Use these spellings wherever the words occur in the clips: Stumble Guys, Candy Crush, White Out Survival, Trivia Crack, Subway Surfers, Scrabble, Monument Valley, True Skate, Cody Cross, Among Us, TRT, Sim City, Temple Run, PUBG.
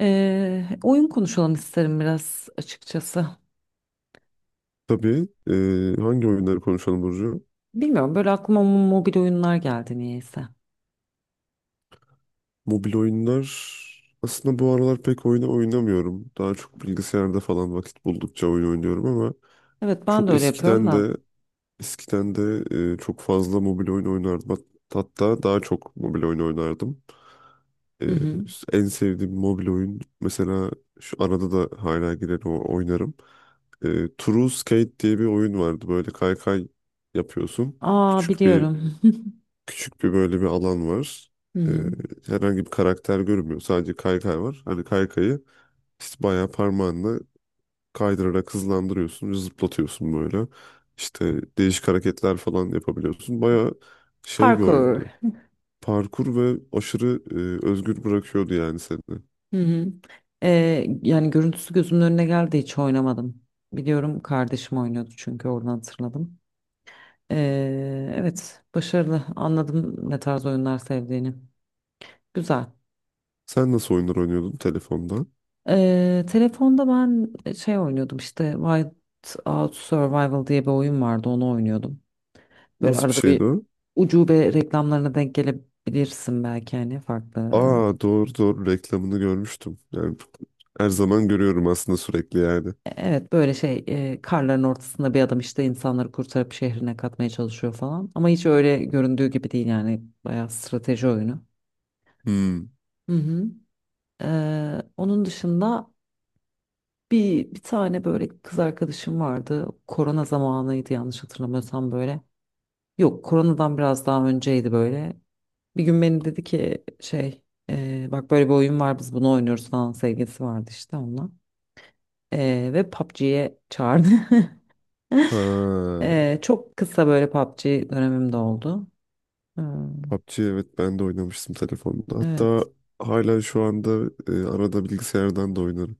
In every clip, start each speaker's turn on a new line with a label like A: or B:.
A: Oyun konuşalım isterim biraz açıkçası.
B: Tabii. Hangi oyunları konuşalım Burcu?
A: Bilmiyorum böyle aklıma mobil oyunlar geldi niyeyse.
B: Mobil oyunlar aslında bu aralar pek oynamıyorum. Daha çok bilgisayarda falan vakit buldukça oyun oynuyorum ama
A: Evet ben de
B: çok
A: öyle yapıyorum
B: eskiden
A: da.
B: de eskiden de çok fazla mobil oyun oynardım. Hatta daha çok mobil oyun oynardım.
A: Hı
B: Ee,
A: hı.
B: En sevdiğim mobil oyun mesela şu arada da hala girer o oynarım. True Skate diye bir oyun vardı. Böyle kaykay yapıyorsun.
A: Aa
B: Küçük bir
A: biliyorum.
B: Küçük bir böyle bir alan var.
A: Hı
B: Ee,
A: hı.
B: Herhangi bir karakter görünmüyor. Sadece kaykay var. Hani kaykayı işte bayağı parmağınla kaydırarak hızlandırıyorsun, zıplatıyorsun böyle. İşte değişik hareketler falan yapabiliyorsun. Bayağı şey bir
A: Parkour.
B: oyundu. Parkur ve aşırı özgür bırakıyordu yani seni.
A: Hı hı. Yani görüntüsü gözümün önüne geldi hiç oynamadım. Biliyorum kardeşim oynuyordu çünkü oradan hatırladım. Evet, başarılı, anladım ne tarz oyunlar sevdiğini. Güzel.
B: Sen nasıl oyunlar oynuyordun telefonda?
A: Telefonda ben şey oynuyordum işte White Out Survival diye bir oyun vardı, onu oynuyordum. Böyle
B: Nasıl bir
A: arada bir
B: şeydi o?
A: ucube reklamlarına denk gelebilirsin belki hani farklı. E,
B: Aa, doğru doğru, reklamını görmüştüm. Yani her zaman görüyorum aslında, sürekli yani.
A: Evet, böyle karların ortasında bir adam işte insanları kurtarıp şehrine katmaya çalışıyor falan. Ama hiç öyle göründüğü gibi değil yani bayağı strateji oyunu.
B: Hmm.
A: Hı hı. Onun dışında bir tane böyle kız arkadaşım vardı. Korona zamanıydı yanlış hatırlamıyorsam böyle. Yok, koronadan biraz daha önceydi böyle. Bir gün beni dedi ki şey bak böyle bir oyun var, biz bunu oynuyoruz falan, sevgilisi vardı işte onunla. Ve PUBG'ye çağırdı.
B: Ha.
A: Çok kısa böyle PUBG dönemim de oldu. Eee,
B: PUBG evet, ben de oynamıştım telefonda. Hatta
A: evet.
B: hala şu anda arada bilgisayardan da oynarım.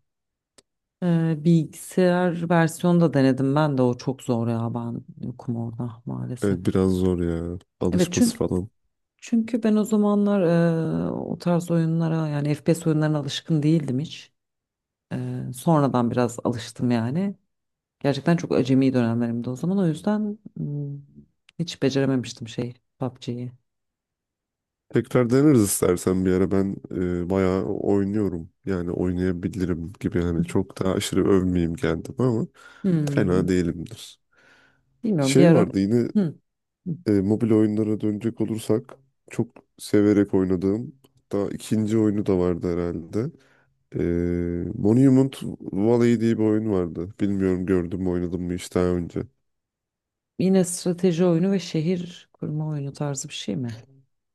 A: Bilgisayar versiyonu da denedim ben de, o çok zor ya, ben yokum orada maalesef.
B: Evet, biraz zor ya
A: Evet,
B: alışması
A: çünkü
B: falan.
A: ben o zamanlar o tarz oyunlara yani FPS oyunlarına alışkın değildim hiç. Sonradan biraz alıştım yani. Gerçekten çok acemi dönemlerimde o zaman. O yüzden hiç becerememiştim şey PUBG'yi.
B: Tekrar deneriz istersen bir ara, ben bayağı oynuyorum. Yani oynayabilirim gibi, hani çok da aşırı övmeyeyim kendim ama
A: Hmm,
B: fena değilimdir.
A: Bilmiyorum, bir
B: Şey
A: ara.
B: vardı yine,
A: Hmm,
B: mobil oyunlara dönecek olursak çok severek oynadığım, hatta ikinci oyunu da vardı herhalde. Ee, Monument Valley diye bir oyun vardı. Bilmiyorum gördüm mü, oynadım mı hiç daha önce.
A: Yine strateji oyunu ve şehir kurma oyunu tarzı bir şey mi?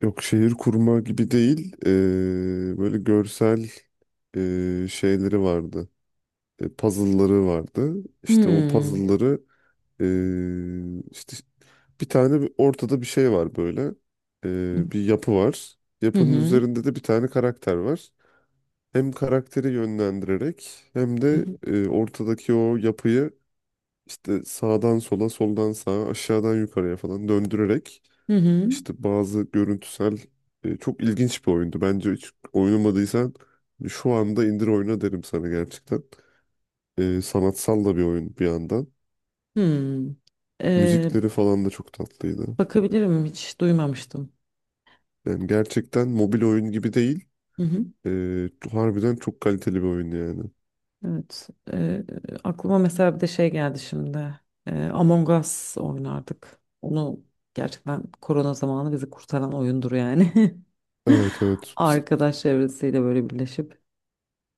B: Yok, şehir kurma gibi değil. Böyle görsel şeyleri vardı. Puzzle'ları vardı. İşte o
A: Hmm.
B: puzzle'ları işte ortada bir şey var böyle. Bir yapı var.
A: Hı
B: Yapının
A: hı.
B: üzerinde de bir tane karakter var. Hem karakteri yönlendirerek hem de
A: Hı
B: ortadaki o yapıyı İşte sağdan sola, soldan sağa, aşağıdan yukarıya falan döndürerek
A: hı.
B: işte bazı görüntüsel, çok ilginç bir oyundu. Bence hiç oynamadıysan şu anda indir oyna derim sana, gerçekten. Sanatsal da bir oyun bir yandan.
A: Hmm. Ee,
B: Müzikleri falan da çok tatlıydı.
A: Bakabilirim, hiç duymamıştım.
B: Yani gerçekten mobil oyun gibi değil.
A: Hı hı.
B: Harbiden çok kaliteli bir oyun yani.
A: Evet. Aklıma mesela bir de şey geldi şimdi. Among Us oynardık. Onu gerçekten korona zamanı bizi kurtaran oyundur yani.
B: Evet, evet. Biz,
A: Arkadaş çevresiyle böyle birleşip.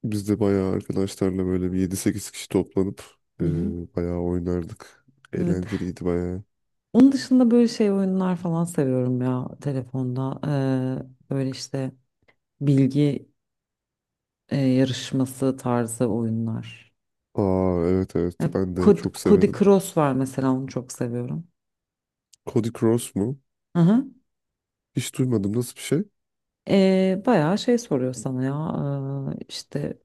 B: biz de bayağı arkadaşlarla böyle bir yedi sekiz kişi toplanıp e,
A: Hı hı.
B: bayağı oynardık.
A: Evet.
B: Eğlenceliydi bayağı.
A: Onun dışında böyle şey oyunlar falan seviyorum ya telefonda. Böyle işte bilgi yarışması tarzı oyunlar.
B: Aa evet evet,
A: Ya,
B: ben de çok
A: Cody
B: severim.
A: Cross var mesela, onu çok seviyorum.
B: Cody Cross mu?
A: Hı hı.
B: Hiç duymadım, nasıl bir şey?
A: Bayağı şey soruyor sana ya, işte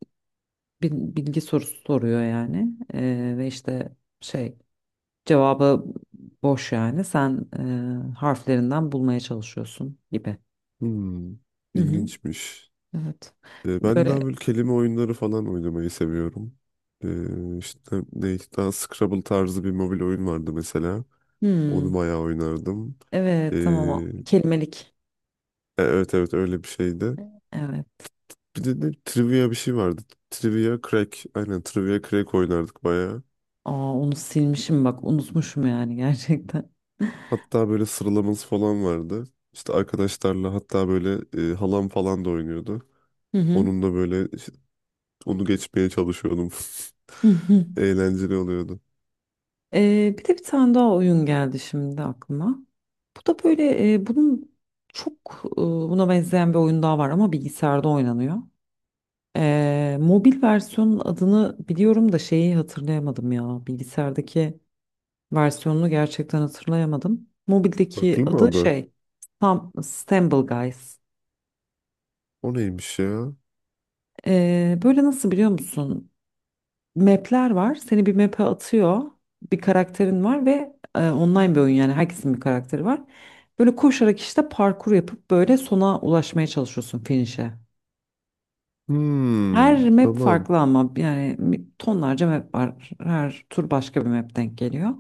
A: bilgi sorusu soruyor yani. Ve işte şey, cevabı boş, yani sen harflerinden bulmaya çalışıyorsun gibi.
B: Hmm,
A: Hı hı.
B: ilginçmiş.
A: Evet.
B: Ben daha
A: Böyle,
B: böyle kelime oyunları falan oynamayı seviyorum. İşte daha Scrabble tarzı bir mobil oyun vardı mesela. Onu
A: hmm,
B: bayağı oynardım.
A: evet, tamam,
B: Ee,
A: kelimelik.
B: evet evet, öyle bir şeydi.
A: Evet.
B: Bir de trivia bir şey vardı. Trivia Crack. Aynen, Trivia Crack oynardık bayağı.
A: Aa, onu silmişim bak, unutmuşum yani gerçekten.
B: Hatta böyle sıralaması falan vardı. İşte arkadaşlarla hatta böyle halam falan da oynuyordu.
A: Hı hı.
B: Onunla böyle işte onu geçmeye çalışıyordum.
A: Hı hı.
B: Eğlenceli oluyordu.
A: Bir de bir tane daha oyun geldi şimdi aklıma. Bu da böyle bunun çok, buna benzeyen bir oyun daha var ama bilgisayarda oynanıyor. Mobil versiyonun adını biliyorum da şeyi hatırlayamadım ya. Bilgisayardaki versiyonunu gerçekten hatırlayamadım.
B: Farklı
A: Mobildeki
B: mı
A: adı
B: adı?
A: şey, Stumble Guys.
B: O neymiş ya?
A: Böyle nasıl, biliyor musun? Map'ler var. Seni bir map'e atıyor. Bir karakterin var ve online bir oyun yani, herkesin bir karakteri var. Böyle koşarak işte parkur yapıp böyle sona ulaşmaya çalışıyorsun, finish'e.
B: Hmm,
A: Her map
B: tamam.
A: farklı ama yani tonlarca map var. Her tur başka bir map denk geliyor.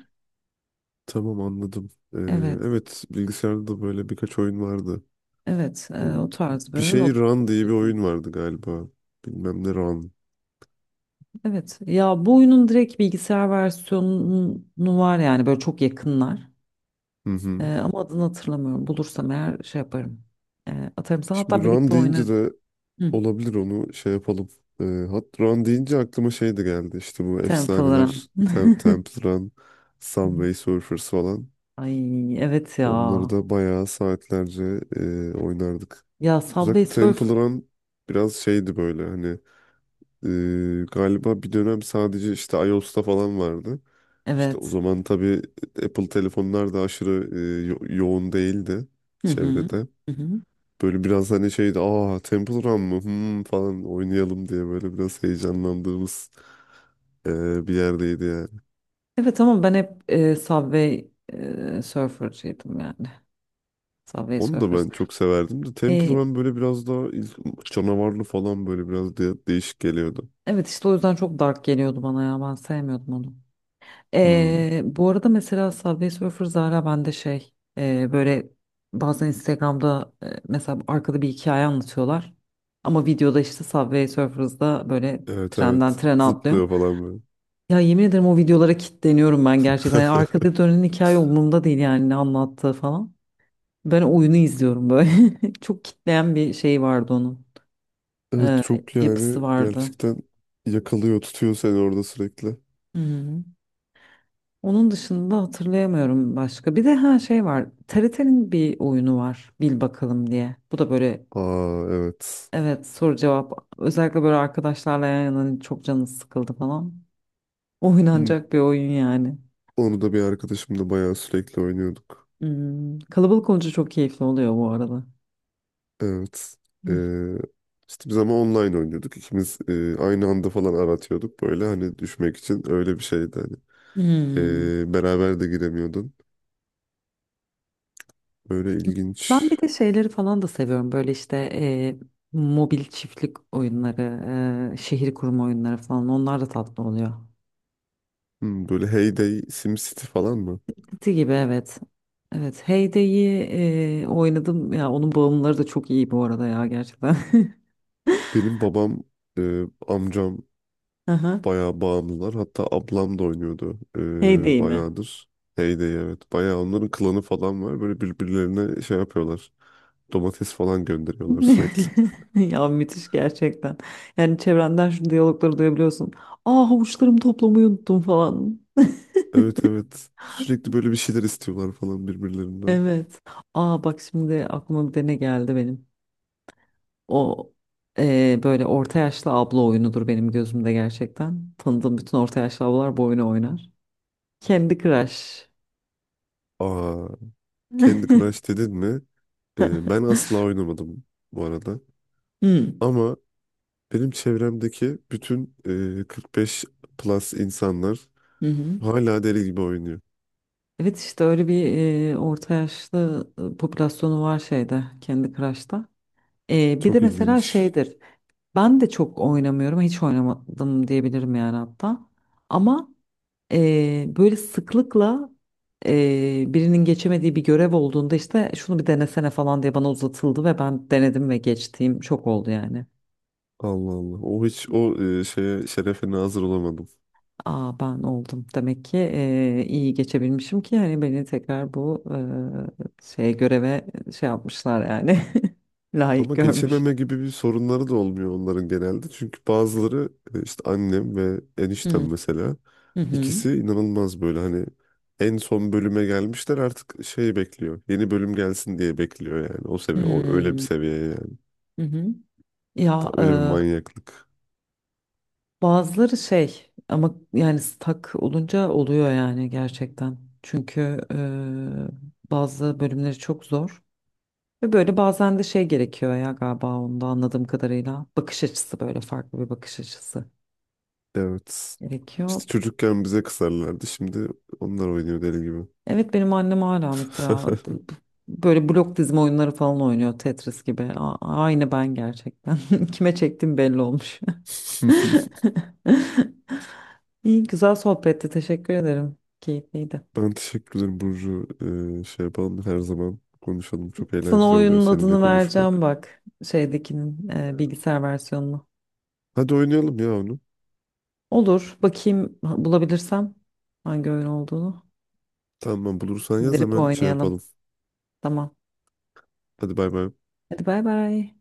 B: Tamam, anladım.
A: Evet.
B: Evet, bilgisayarda da böyle birkaç oyun vardı.
A: Evet,
B: Ee,
A: o tarz bir
B: Bir
A: oyun. O...
B: şey Run diye bir oyun vardı galiba. Bilmem ne Run.
A: Evet. Ya, bu oyunun direkt bilgisayar versiyonu var yani, böyle çok yakınlar.
B: Hı hı.
A: Ama adını hatırlamıyorum. Bulursam eğer şey yaparım. Atarım sana.
B: Şimdi
A: Hatta
B: Run
A: birlikte oynarız.
B: deyince de
A: Hı.
B: olabilir, onu şey yapalım. Ee, hat Run deyince aklıma şey de geldi. İşte bu
A: Temple
B: efsaneler.
A: Run.
B: Temple Run,
A: Hı.
B: Subway Surfers falan.
A: Ay, evet ya.
B: Onları da bayağı saatlerce oynardık.
A: Ya, Subway
B: Özellikle Temple
A: Surf.
B: Run biraz şeydi böyle, hani galiba bir dönem sadece işte iOS'ta falan vardı. İşte o
A: Evet.
B: zaman tabii Apple telefonlar da aşırı yoğun değildi
A: Hı hı.
B: çevrede.
A: Hı hı.
B: Böyle biraz hani şeydi, aa Temple Run mı Hmm, falan oynayalım diye böyle biraz heyecanlandığımız bir yerdeydi yani.
A: Evet ama ben hep Subway Surfer'cıydım yani. Subway
B: Onu da
A: Surfers.
B: ben çok severdim de Temple
A: E,
B: Run böyle biraz daha canavarlı falan, böyle biraz değişik geliyordu.
A: evet, işte o yüzden çok dark geliyordu bana ya. Ben sevmiyordum onu.
B: Hmm.
A: Bu arada mesela Subway Surfer Zara bende böyle bazen Instagram'da, mesela arkada bir hikaye anlatıyorlar. Ama videoda işte Subway Surfers'da böyle
B: Evet
A: trenden
B: evet.
A: trene atlıyor.
B: Zıplıyor falan böyle.
A: Ya yemin ederim o videolara kilitleniyorum ben gerçekten. Yani arkada dönen hikaye umurumda değil yani, ne anlattığı falan. Ben oyunu izliyorum böyle. Çok kitleyen bir şey vardı onun.
B: Evet,
A: Ee,
B: çok yani
A: Yapısı vardı.
B: gerçekten yakalıyor, tutuyor seni orada sürekli.
A: Hı hı. Onun dışında hatırlayamıyorum başka. Bir de her şey var. TRT'nin bir oyunu var, bil bakalım diye. Bu da böyle,
B: Aa evet.
A: evet, soru cevap. Özellikle böyle arkadaşlarla yan yana, hani çok canınız sıkıldı falan.
B: Hmm.
A: Oynanacak bir oyun yani.
B: Onu da bir arkadaşımla bayağı sürekli oynuyorduk.
A: Hmm. Kalabalık olunca çok keyifli oluyor bu arada.
B: Evet.
A: Hmm.
B: Ee, işte biz ama online oynuyorduk. İkimiz aynı anda falan aratıyorduk böyle, hani düşmek için öyle bir şeydi hani.
A: Hmm.
B: Beraber de giremiyordun. Böyle ilginç.
A: Ben bir de şeyleri falan da seviyorum. Böyle işte mobil çiftlik oyunları, şehir kurma oyunları falan. Onlar da tatlı oluyor.
B: Böyle Heyday, Day, Sim City falan mı?
A: Ti gibi, evet. Evet, Heyde'yi oynadım. Ya onun bağımlıları da çok iyi bu arada ya, gerçekten.
B: Benim babam, amcam
A: Aha.
B: bayağı bağımlılar. Hatta ablam da oynuyordu
A: Heyday mi?
B: bayağıdır. Heyday evet. Bayağı onların klanı falan var. Böyle birbirlerine şey yapıyorlar. Domates falan gönderiyorlar sürekli.
A: Ya müthiş gerçekten. Yani çevrenden şu diyalogları duyabiliyorsun. Aa, havuçlarımı toplamayı unuttum falan.
B: Evet evet. Sürekli böyle bir şeyler istiyorlar falan birbirlerinden.
A: Evet. Aa bak, şimdi aklıma bir de ne geldi benim. O, böyle orta yaşlı abla oyunudur benim gözümde gerçekten. Tanıdığım bütün orta yaşlı ablalar bu oyunu oynar. Candy Crush.
B: Aa, Candy Crush dedin mi? Ben asla oynamadım bu arada.
A: Hmm.
B: Ama benim çevremdeki bütün 45 plus insanlar
A: Hı hı.
B: hala deli gibi oynuyor.
A: Evet, işte öyle bir orta yaşlı popülasyonu var şeyde, Kendi Crush'ta. Bir de
B: Çok
A: mesela
B: ilginç.
A: şeydir. Ben de çok oynamıyorum. Hiç oynamadım diyebilirim yani hatta. Ama böyle sıklıkla birinin geçemediği bir görev olduğunda işte şunu bir denesene falan diye bana uzatıldı ve ben denedim ve geçtiğim çok oldu yani.
B: Allah Allah. O hiç şeye şerefe nazır olamadım.
A: Aa, ben oldum. Demek ki iyi geçebilmişim ki hani beni tekrar bu şey göreve şey yapmışlar yani. Layık
B: Ama
A: görmüşler.
B: geçememe gibi bir sorunları da olmuyor onların genelde. Çünkü bazıları, işte annem ve
A: Hmm.
B: eniştem mesela,
A: Hı hı.
B: ikisi inanılmaz böyle, hani en son bölüme gelmişler, artık şey bekliyor. Yeni bölüm gelsin diye bekliyor yani. O seviye, o öyle bir
A: Hmm.
B: seviye yani.
A: Hı hı.
B: Daha
A: Ya,
B: öyle bir manyaklık.
A: bazıları şey ama yani, stak olunca oluyor yani gerçekten. Çünkü bazı bölümleri çok zor. Ve böyle bazen de şey gerekiyor ya galiba, onda anladığım kadarıyla. Bakış açısı, böyle farklı bir bakış açısı
B: Evet.
A: gerekiyor.
B: İşte çocukken bize kızarlardı. Şimdi onlar oynuyor deli gibi.
A: Evet, benim annem hala mesela böyle blok dizme oyunları falan oynuyor, Tetris gibi. Aynı ben gerçekten. Kime çektim belli olmuş. İyi, güzel sohbetti. Teşekkür ederim. Keyifliydi.
B: Ben teşekkür ederim Burcu. Şey yapalım, her zaman konuşalım. Çok
A: Sana
B: eğlenceli oluyor
A: oyunun
B: seninle
A: adını vereceğim
B: konuşmak.
A: bak. Şeydekinin bilgisayar versiyonunu.
B: Hadi oynayalım ya onu.
A: Olur. Bakayım bulabilirsem hangi oyun olduğunu.
B: Tamam, bulursan yaz
A: İndirip
B: hemen şey
A: oynayalım.
B: yapalım.
A: Tamam.
B: Hadi bay bay.
A: Hadi bay bay.